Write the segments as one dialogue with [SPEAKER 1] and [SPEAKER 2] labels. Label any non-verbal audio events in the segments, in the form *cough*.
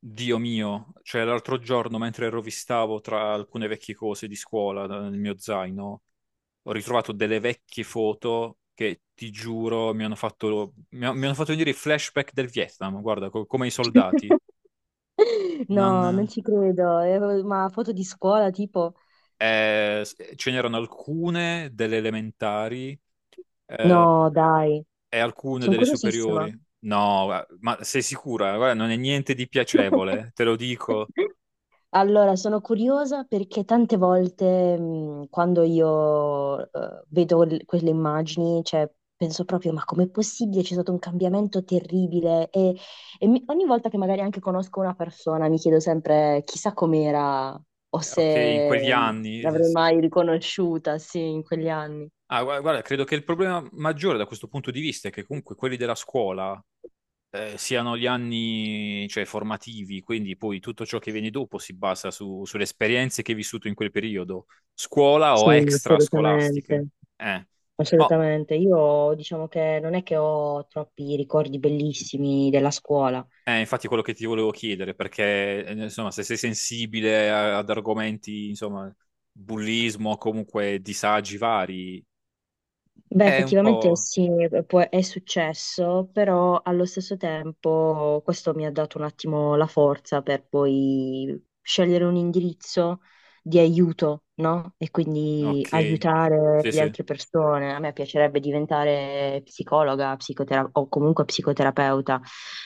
[SPEAKER 1] Dio mio, cioè l'altro giorno mentre rovistavo tra alcune vecchie cose di scuola nel mio zaino, ho ritrovato delle vecchie foto che ti giuro mi hanno fatto, mi hanno fatto venire i flashback del Vietnam, guarda, come i soldati. Non.
[SPEAKER 2] No, non ci credo. Ma foto di scuola, tipo?
[SPEAKER 1] Ce n'erano alcune delle elementari eh,
[SPEAKER 2] No, dai,
[SPEAKER 1] e alcune
[SPEAKER 2] sono
[SPEAKER 1] delle
[SPEAKER 2] curiosissima.
[SPEAKER 1] superiori. No, ma sei sicura? Guarda, non è niente di piacevole, te lo
[SPEAKER 2] *laughs*
[SPEAKER 1] dico.
[SPEAKER 2] Allora, sono curiosa perché tante volte quando io vedo quelle immagini, cioè, penso proprio, ma com'è possibile? C'è stato un cambiamento terribile e ogni volta che magari anche conosco una persona mi chiedo sempre chissà com'era o
[SPEAKER 1] Ok, in quegli
[SPEAKER 2] se
[SPEAKER 1] anni.
[SPEAKER 2] l'avrei
[SPEAKER 1] Sì, sì.
[SPEAKER 2] mai riconosciuta, sì, in quegli anni.
[SPEAKER 1] Ah, guarda, credo che il problema maggiore da questo punto di vista è che comunque quelli della scuola siano gli anni, cioè, formativi, quindi poi tutto ciò che viene dopo si basa sulle esperienze che hai vissuto in quel periodo, scuola o
[SPEAKER 2] Sì,
[SPEAKER 1] extra
[SPEAKER 2] assolutamente,
[SPEAKER 1] scolastiche. Eh. No,
[SPEAKER 2] assolutamente. Io diciamo che non è che ho troppi ricordi bellissimi della scuola.
[SPEAKER 1] è infatti quello che ti volevo chiedere, perché insomma, se sei sensibile ad argomenti, insomma, bullismo, comunque disagi vari,
[SPEAKER 2] Beh,
[SPEAKER 1] è un
[SPEAKER 2] effettivamente
[SPEAKER 1] po'.
[SPEAKER 2] sì, è successo, però allo stesso tempo questo mi ha dato un attimo la forza per poi scegliere un indirizzo di aiuto, no? E quindi
[SPEAKER 1] Ok,
[SPEAKER 2] aiutare
[SPEAKER 1] sì,
[SPEAKER 2] le
[SPEAKER 1] sì.
[SPEAKER 2] altre persone. A me piacerebbe diventare psicologa, o comunque psicoterapeuta.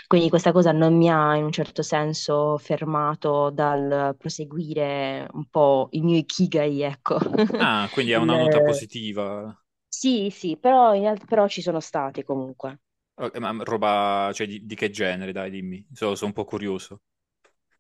[SPEAKER 2] Quindi questa cosa non mi ha in un certo senso fermato dal proseguire un po' il mio ikigai, ecco. *laughs*
[SPEAKER 1] Ah, quindi è
[SPEAKER 2] il,
[SPEAKER 1] una nota positiva.
[SPEAKER 2] sì, sì, però ci sono stati comunque.
[SPEAKER 1] Ok, ma roba, cioè, di che genere, dai, dimmi. Sono un po' curioso.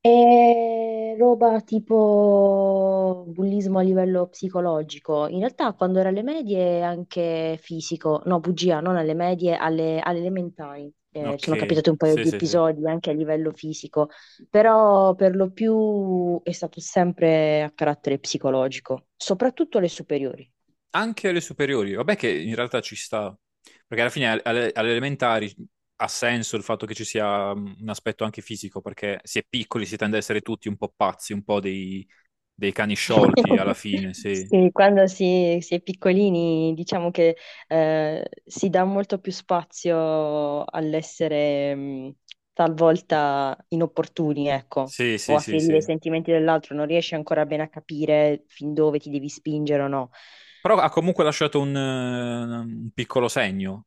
[SPEAKER 2] È roba tipo bullismo a livello psicologico. In realtà quando ero alle medie anche fisico, no, bugia, non alle medie, alle elementari. Ci sono
[SPEAKER 1] Ok,
[SPEAKER 2] capitati un paio
[SPEAKER 1] sì,
[SPEAKER 2] di
[SPEAKER 1] sì, sì.
[SPEAKER 2] episodi anche a livello fisico, però per lo più è stato sempre a carattere psicologico, soprattutto alle superiori.
[SPEAKER 1] Anche alle superiori, vabbè che in realtà ci sta, perché alla fine alle elementari ha senso il fatto che ci sia un aspetto anche fisico, perché si è piccoli si tende a essere tutti un po' pazzi, un po' dei cani sciolti alla
[SPEAKER 2] *laughs*
[SPEAKER 1] fine, sì.
[SPEAKER 2] Sì, quando si è piccolini diciamo che si dà molto più spazio all'essere talvolta inopportuni, ecco,
[SPEAKER 1] Sì,
[SPEAKER 2] o
[SPEAKER 1] sì,
[SPEAKER 2] a
[SPEAKER 1] sì,
[SPEAKER 2] ferire i
[SPEAKER 1] sì.
[SPEAKER 2] sentimenti dell'altro, non riesci ancora bene a capire fin dove ti devi spingere o no.
[SPEAKER 1] Però ha comunque lasciato un piccolo segno,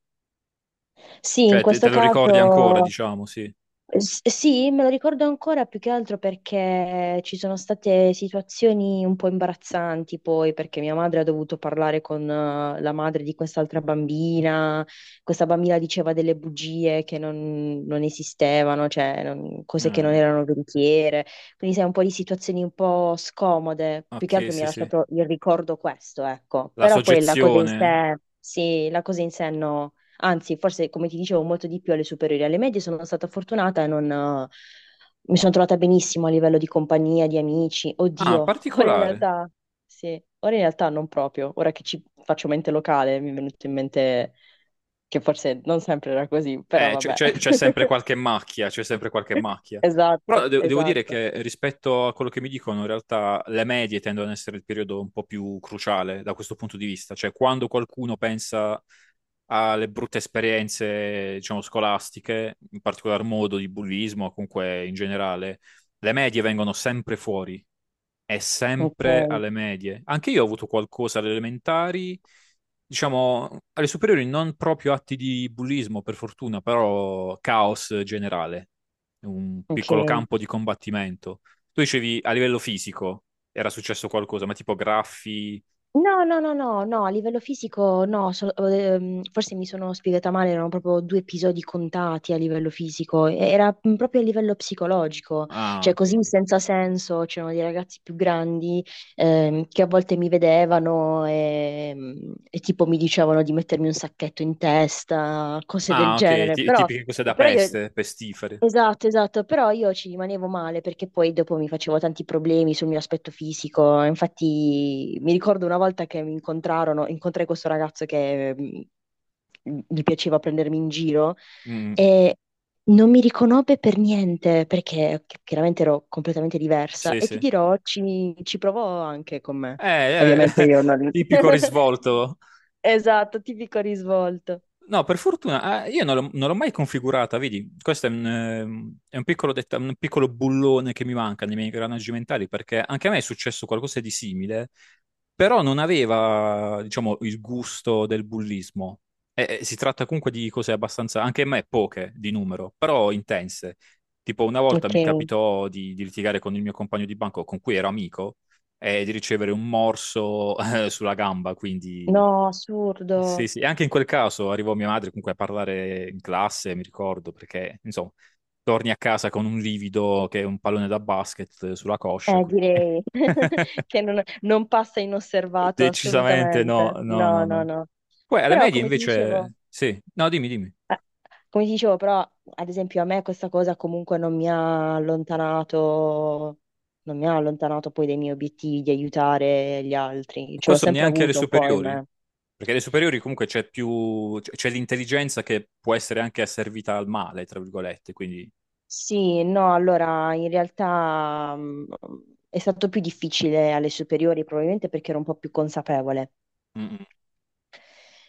[SPEAKER 2] Sì, in
[SPEAKER 1] cioè te,
[SPEAKER 2] questo
[SPEAKER 1] te lo ricordi ancora,
[SPEAKER 2] caso.
[SPEAKER 1] diciamo, sì.
[SPEAKER 2] Sì, me lo ricordo ancora più che altro perché ci sono state situazioni un po' imbarazzanti poi, perché mia madre ha dovuto parlare con la madre di quest'altra bambina. Questa bambina diceva delle bugie che non esistevano, cioè cose che non
[SPEAKER 1] Eh,
[SPEAKER 2] erano veritiere, quindi sai un po' di situazioni un po' scomode. Più che
[SPEAKER 1] ok,
[SPEAKER 2] altro mi ha
[SPEAKER 1] sì, sì.
[SPEAKER 2] lasciato il ricordo questo, ecco,
[SPEAKER 1] La
[SPEAKER 2] però poi la cosa in
[SPEAKER 1] soggezione.
[SPEAKER 2] sé, sì, la cosa in sé no. Anzi, forse come ti dicevo, molto di più alle superiori. Alle medie sono stata fortunata e non, mi sono trovata benissimo a livello di compagnia, di amici.
[SPEAKER 1] Ah,
[SPEAKER 2] Oddio, *laughs* ora in
[SPEAKER 1] particolare.
[SPEAKER 2] realtà, sì, ora in realtà non proprio. Ora che ci faccio mente locale, mi è venuto in mente che forse non sempre era così, però
[SPEAKER 1] C'è
[SPEAKER 2] vabbè.
[SPEAKER 1] c'è- c'è sempre
[SPEAKER 2] *laughs*
[SPEAKER 1] qualche macchia, c'è sempre qualche macchia.
[SPEAKER 2] Esatto,
[SPEAKER 1] Però devo dire
[SPEAKER 2] esatto.
[SPEAKER 1] che rispetto a quello che mi dicono, in realtà le medie tendono ad essere il periodo un po' più cruciale da questo punto di vista. Cioè, quando qualcuno pensa alle brutte esperienze, diciamo, scolastiche, in particolar modo di bullismo, o comunque in generale, le medie vengono sempre fuori. È sempre
[SPEAKER 2] Ok,
[SPEAKER 1] alle medie. Anche io ho avuto qualcosa alle elementari, diciamo, alle superiori non proprio atti di bullismo, per fortuna, però caos generale, un
[SPEAKER 2] ok.
[SPEAKER 1] piccolo campo di combattimento. Tu dicevi a livello fisico era successo qualcosa, ma tipo graffi.
[SPEAKER 2] No, no, no, no, no, a livello fisico no, forse mi sono spiegata male, erano proprio due episodi contati a livello fisico, era proprio a livello psicologico,
[SPEAKER 1] Ah,
[SPEAKER 2] cioè
[SPEAKER 1] ok.
[SPEAKER 2] così
[SPEAKER 1] Ok.
[SPEAKER 2] senza senso, c'erano dei ragazzi più grandi, che a volte mi vedevano e tipo mi dicevano di mettermi un sacchetto in testa, cose del
[SPEAKER 1] Ah, ok,
[SPEAKER 2] genere,
[SPEAKER 1] ti-
[SPEAKER 2] però,
[SPEAKER 1] tipiche cose da
[SPEAKER 2] però io...
[SPEAKER 1] peste, pestifere.
[SPEAKER 2] Esatto, esatto, però io ci rimanevo male perché poi dopo mi facevo tanti problemi sul mio aspetto fisico. Infatti mi ricordo una volta che mi incontrai questo ragazzo che, gli piaceva prendermi in giro
[SPEAKER 1] Mm,
[SPEAKER 2] e non mi riconobbe per niente perché chiaramente ero completamente diversa
[SPEAKER 1] sì,
[SPEAKER 2] e ti
[SPEAKER 1] sì.
[SPEAKER 2] dirò, ci provò anche con me.
[SPEAKER 1] Eh,
[SPEAKER 2] Ovviamente
[SPEAKER 1] eh,
[SPEAKER 2] io
[SPEAKER 1] *laughs*
[SPEAKER 2] non.
[SPEAKER 1] tipico
[SPEAKER 2] *laughs*
[SPEAKER 1] risvolto.
[SPEAKER 2] Esatto, tipico risvolto.
[SPEAKER 1] No, per fortuna, ah, io non l'ho mai configurata, vedi, questo è è un piccolo bullone che mi manca nei miei ingranaggi mentali, perché anche a me è successo qualcosa di simile, però non aveva, diciamo, il gusto del bullismo. E si tratta comunque di cose abbastanza, anche a me poche di numero, però intense. Tipo una volta
[SPEAKER 2] Ok.
[SPEAKER 1] mi capitò di litigare con il mio compagno di banco, con cui ero amico, e di ricevere un morso, *laughs* sulla gamba, quindi.
[SPEAKER 2] No,
[SPEAKER 1] Sì,
[SPEAKER 2] assurdo.
[SPEAKER 1] sì, e anche in quel caso arrivò mia madre comunque a parlare in classe, mi ricordo, perché insomma, torni a casa con un livido che è un pallone da basket sulla coscia, quindi
[SPEAKER 2] Direi
[SPEAKER 1] *laughs*
[SPEAKER 2] *laughs* che non passa inosservato
[SPEAKER 1] decisamente no,
[SPEAKER 2] assolutamente.
[SPEAKER 1] no,
[SPEAKER 2] No,
[SPEAKER 1] no,
[SPEAKER 2] no,
[SPEAKER 1] no.
[SPEAKER 2] no.
[SPEAKER 1] Poi alle
[SPEAKER 2] Però,
[SPEAKER 1] medie invece, sì, no, dimmi, dimmi.
[SPEAKER 2] eh, come ti dicevo, però, ad esempio, a me questa cosa comunque non mi ha allontanato, non mi ha allontanato poi dai miei obiettivi di aiutare gli altri. Ce l'ho
[SPEAKER 1] Questo
[SPEAKER 2] sempre
[SPEAKER 1] neanche alle
[SPEAKER 2] avuto un po' in
[SPEAKER 1] superiori,
[SPEAKER 2] me.
[SPEAKER 1] perché alle superiori comunque c'è più, c'è l'intelligenza che può essere anche asservita al male, tra virgolette, quindi.
[SPEAKER 2] Sì, no, allora in realtà, è stato più difficile alle superiori, probabilmente perché ero un po' più consapevole.
[SPEAKER 1] Mm, mm.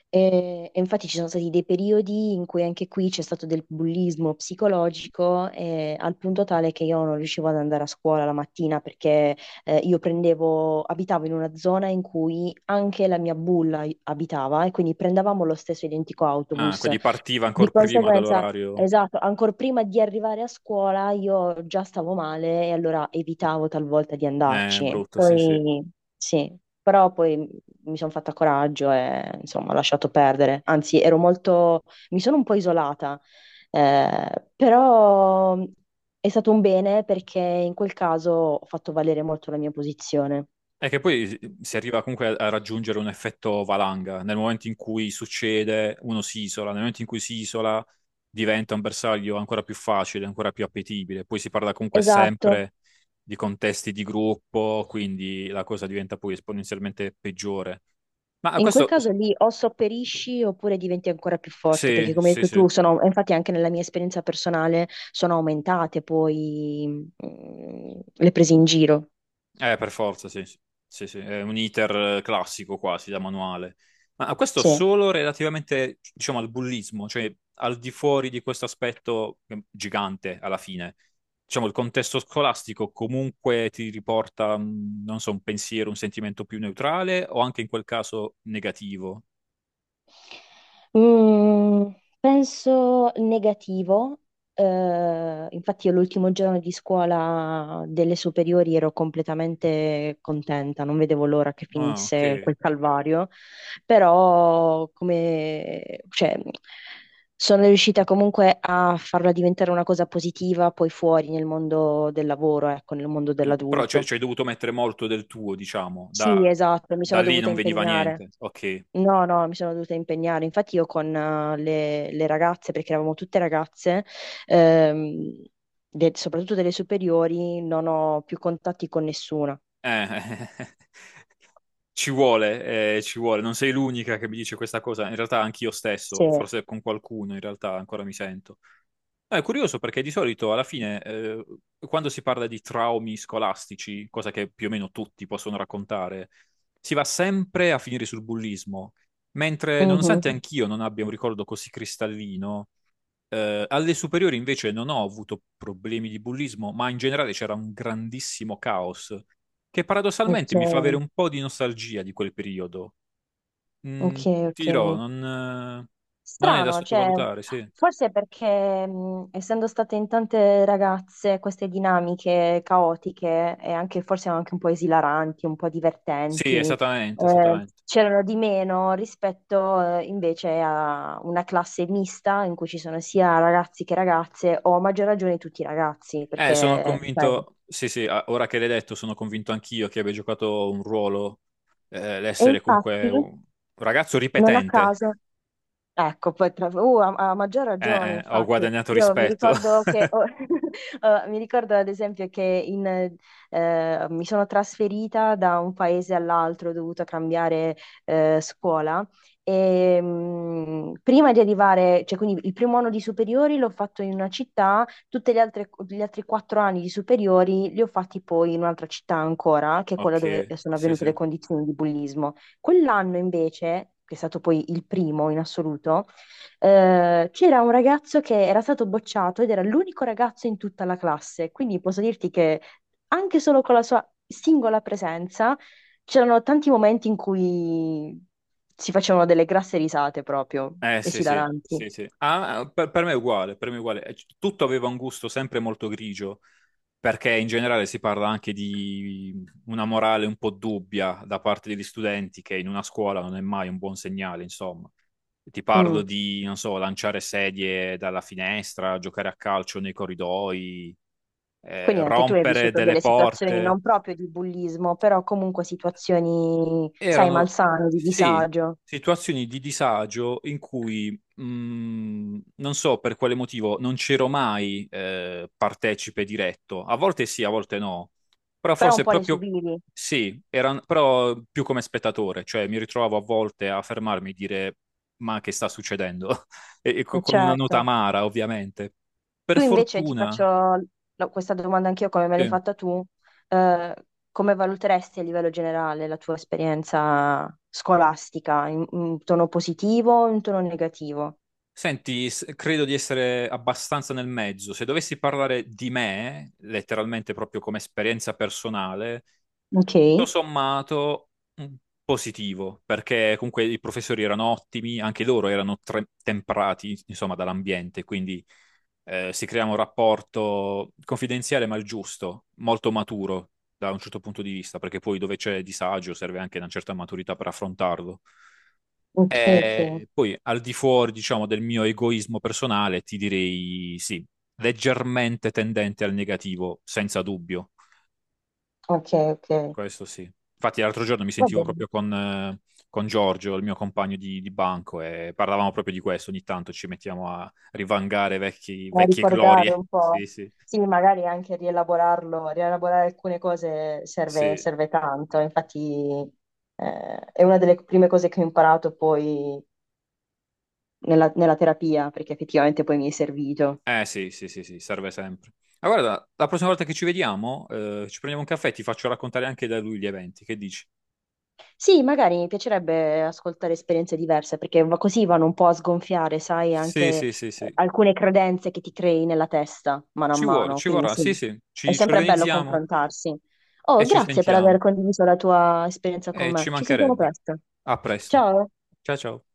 [SPEAKER 2] E infatti ci sono stati dei periodi in cui anche qui c'è stato del bullismo psicologico, al punto tale che io non riuscivo ad andare a scuola la mattina perché, io abitavo in una zona in cui anche la mia bulla abitava e quindi prendevamo lo stesso identico
[SPEAKER 1] Ah,
[SPEAKER 2] autobus.
[SPEAKER 1] quindi partiva
[SPEAKER 2] Di
[SPEAKER 1] ancora prima
[SPEAKER 2] conseguenza,
[SPEAKER 1] dall'orario.
[SPEAKER 2] esatto, ancora prima di arrivare a scuola io già stavo male e allora evitavo talvolta di andarci.
[SPEAKER 1] Brutto, sì, sì.
[SPEAKER 2] Poi sì, però poi mi sono fatta coraggio e insomma ho lasciato perdere. Anzi, ero molto, mi sono un po' isolata, però è stato un bene perché in quel caso ho fatto valere molto la mia posizione.
[SPEAKER 1] È che poi si arriva comunque a raggiungere un effetto valanga. Nel momento in cui succede, uno si isola, nel momento in cui si isola diventa un bersaglio ancora più facile, ancora più appetibile. Poi si parla comunque
[SPEAKER 2] Esatto.
[SPEAKER 1] sempre di contesti di gruppo, quindi la cosa diventa poi esponenzialmente peggiore. Ma
[SPEAKER 2] In quel
[SPEAKER 1] questo,
[SPEAKER 2] caso lì o sopperisci oppure diventi ancora più forte, perché
[SPEAKER 1] sì,
[SPEAKER 2] come hai
[SPEAKER 1] sì,
[SPEAKER 2] detto
[SPEAKER 1] sì.
[SPEAKER 2] tu, infatti anche nella mia esperienza personale sono aumentate poi, le prese in giro.
[SPEAKER 1] Per forza, sì, sì, sì, sì, è un iter classico quasi da manuale. Ma questo
[SPEAKER 2] Sì.
[SPEAKER 1] solo relativamente, diciamo, al bullismo, cioè al di fuori di questo aspetto gigante alla fine. Diciamo, il contesto scolastico comunque ti riporta, non so, un pensiero, un sentimento più neutrale o anche in quel caso negativo.
[SPEAKER 2] Mm, Penso negativo. Infatti, io l'ultimo giorno di scuola delle superiori ero completamente contenta, non vedevo l'ora che
[SPEAKER 1] Ah,
[SPEAKER 2] finisse
[SPEAKER 1] ok.
[SPEAKER 2] quel calvario, però cioè, sono riuscita comunque a farla diventare una cosa positiva poi fuori nel mondo del lavoro, ecco, nel mondo
[SPEAKER 1] Ok. Però cioè,
[SPEAKER 2] dell'adulto.
[SPEAKER 1] ci hai dovuto mettere molto del tuo, diciamo, da,
[SPEAKER 2] Sì, esatto, mi
[SPEAKER 1] da
[SPEAKER 2] sono
[SPEAKER 1] lì
[SPEAKER 2] dovuta
[SPEAKER 1] non veniva
[SPEAKER 2] impegnare.
[SPEAKER 1] niente. Ok.
[SPEAKER 2] No, no, mi sono dovuta impegnare. Infatti io con, le ragazze, perché eravamo tutte ragazze, ehm, soprattutto delle superiori, non ho più contatti con nessuna.
[SPEAKER 1] *laughs* Ci vuole, non sei l'unica che mi dice questa cosa, in realtà anch'io
[SPEAKER 2] Sì.
[SPEAKER 1] stesso, forse con qualcuno in realtà ancora mi sento. No, è curioso perché di solito alla fine, quando si parla di traumi scolastici, cosa che più o meno tutti possono raccontare, si va sempre a finire sul bullismo, mentre
[SPEAKER 2] Mhm.
[SPEAKER 1] nonostante anch'io non abbia un ricordo così cristallino, alle superiori invece non ho avuto problemi di bullismo, ma in generale c'era un grandissimo caos che
[SPEAKER 2] Ok,
[SPEAKER 1] paradossalmente mi fa avere un po' di nostalgia di quel periodo.
[SPEAKER 2] ok,
[SPEAKER 1] Mm,
[SPEAKER 2] ok.
[SPEAKER 1] ti dirò, non è da
[SPEAKER 2] Strano, cioè,
[SPEAKER 1] sottovalutare, sì.
[SPEAKER 2] forse perché, essendo state in tante ragazze queste dinamiche caotiche e anche forse anche un po' esilaranti, un po'
[SPEAKER 1] Sì,
[SPEAKER 2] divertenti,
[SPEAKER 1] esattamente, esattamente.
[SPEAKER 2] c'erano di meno rispetto, invece a una classe mista in cui ci sono sia ragazzi che ragazze, o a maggior ragione tutti i ragazzi,
[SPEAKER 1] Sono
[SPEAKER 2] perché sai.
[SPEAKER 1] convinto, sì, sì, ora che l'hai detto, sono convinto anch'io che abbia giocato un ruolo,
[SPEAKER 2] E
[SPEAKER 1] l'essere comunque
[SPEAKER 2] infatti,
[SPEAKER 1] un ragazzo
[SPEAKER 2] non a
[SPEAKER 1] ripetente.
[SPEAKER 2] caso. Ecco, poi ha, ha maggior
[SPEAKER 1] Eh,
[SPEAKER 2] ragione,
[SPEAKER 1] eh, ho
[SPEAKER 2] infatti.
[SPEAKER 1] guadagnato
[SPEAKER 2] Io mi
[SPEAKER 1] rispetto.
[SPEAKER 2] ricordo
[SPEAKER 1] *laughs*
[SPEAKER 2] che, *laughs* oh, mi ricordo ad esempio che mi sono trasferita da un paese all'altro, ho dovuto cambiare scuola e, prima di arrivare, cioè quindi il primo anno di superiori l'ho fatto in una città, gli altri 4 anni di superiori li ho fatti poi in un'altra città ancora, che è quella
[SPEAKER 1] Ok,
[SPEAKER 2] dove sono
[SPEAKER 1] sì,
[SPEAKER 2] avvenute le
[SPEAKER 1] sì.
[SPEAKER 2] condizioni di bullismo. Quell'anno invece, che è stato poi il primo in assoluto, c'era un ragazzo che era stato bocciato ed era l'unico ragazzo in tutta la classe, quindi posso dirti che anche solo con la sua singola presenza c'erano tanti momenti in cui si facevano delle grasse risate proprio,
[SPEAKER 1] Eh sì, sì,
[SPEAKER 2] esilaranti.
[SPEAKER 1] sì, sì. Ah, per me è uguale, per me è uguale. Tutto aveva un gusto sempre molto grigio, perché in generale si parla anche di una morale un po' dubbia da parte degli studenti, che in una scuola non è mai un buon segnale, insomma. Ti parlo
[SPEAKER 2] Mm.
[SPEAKER 1] di, non so, lanciare sedie dalla finestra, giocare a calcio nei corridoi,
[SPEAKER 2] Quindi anche tu hai
[SPEAKER 1] rompere
[SPEAKER 2] vissuto
[SPEAKER 1] delle
[SPEAKER 2] delle situazioni
[SPEAKER 1] porte.
[SPEAKER 2] non proprio di bullismo, però comunque situazioni, sai,
[SPEAKER 1] Erano,
[SPEAKER 2] malsane, di
[SPEAKER 1] sì,
[SPEAKER 2] disagio,
[SPEAKER 1] situazioni di disagio in cui, mh, non so per quale motivo, non c'ero mai partecipe diretto. A volte sì, a volte no. Però
[SPEAKER 2] però un
[SPEAKER 1] forse
[SPEAKER 2] po' le
[SPEAKER 1] proprio
[SPEAKER 2] subivi,
[SPEAKER 1] sì, era, però più come spettatore, cioè mi ritrovavo a volte a fermarmi e dire ma che sta succedendo? *laughs* E, e co- con una nota
[SPEAKER 2] certo.
[SPEAKER 1] amara, ovviamente.
[SPEAKER 2] Tu
[SPEAKER 1] Per
[SPEAKER 2] invece ti faccio
[SPEAKER 1] fortuna,
[SPEAKER 2] questa domanda anch'io come me l'hai
[SPEAKER 1] sì.
[SPEAKER 2] fatta tu. Eh, come valuteresti a livello generale la tua esperienza scolastica, in tono positivo o in tono negativo?
[SPEAKER 1] Senti, credo di essere abbastanza nel mezzo. Se dovessi parlare di me, letteralmente proprio come esperienza personale,
[SPEAKER 2] Ok,
[SPEAKER 1] tutto sommato mm, positivo, perché comunque i professori erano ottimi, anche loro erano temprati, insomma, dall'ambiente, quindi si crea un rapporto confidenziale ma il giusto, molto maturo da un certo punto di vista, perché poi dove c'è disagio serve anche una certa maturità per affrontarlo.
[SPEAKER 2] ok, ok,
[SPEAKER 1] E poi al di fuori, diciamo, del mio egoismo personale, ti direi sì, leggermente tendente al negativo, senza dubbio.
[SPEAKER 2] ok, ok.
[SPEAKER 1] Questo sì. Infatti, l'altro giorno mi
[SPEAKER 2] Va
[SPEAKER 1] sentivo
[SPEAKER 2] bene,
[SPEAKER 1] proprio con Giorgio, il mio compagno di banco, e parlavamo proprio di questo. Ogni tanto ci mettiamo a rivangare vecchi-
[SPEAKER 2] a
[SPEAKER 1] vecchie
[SPEAKER 2] ricordare
[SPEAKER 1] glorie.
[SPEAKER 2] un po'.
[SPEAKER 1] Sì, sì,
[SPEAKER 2] Sì, magari anche rielaborare alcune cose serve,
[SPEAKER 1] sì.
[SPEAKER 2] serve tanto, infatti, è una delle prime cose che ho imparato poi nella terapia, perché effettivamente poi mi è servito.
[SPEAKER 1] Eh sì, sì, sì, sì, serve sempre. Ma guarda, la prossima volta che ci vediamo, ci prendiamo un caffè e ti faccio raccontare anche da lui gli eventi. Che dici?
[SPEAKER 2] Sì, magari mi piacerebbe ascoltare esperienze diverse, perché così vanno un po' a sgonfiare, sai,
[SPEAKER 1] Sì,
[SPEAKER 2] anche
[SPEAKER 1] sì, sì, sì.
[SPEAKER 2] alcune credenze che ti crei nella testa, mano a
[SPEAKER 1] Ci vuole,
[SPEAKER 2] mano.
[SPEAKER 1] ci
[SPEAKER 2] Quindi
[SPEAKER 1] vorrà,
[SPEAKER 2] sì,
[SPEAKER 1] sì, sì,
[SPEAKER 2] è
[SPEAKER 1] ci
[SPEAKER 2] sempre bello
[SPEAKER 1] organizziamo
[SPEAKER 2] confrontarsi. Oh,
[SPEAKER 1] e ci
[SPEAKER 2] grazie per aver
[SPEAKER 1] sentiamo.
[SPEAKER 2] condiviso la tua esperienza con
[SPEAKER 1] E
[SPEAKER 2] me.
[SPEAKER 1] ci
[SPEAKER 2] Ci sentiamo
[SPEAKER 1] mancherebbe.
[SPEAKER 2] presto.
[SPEAKER 1] A presto.
[SPEAKER 2] Ciao.
[SPEAKER 1] Ciao ciao.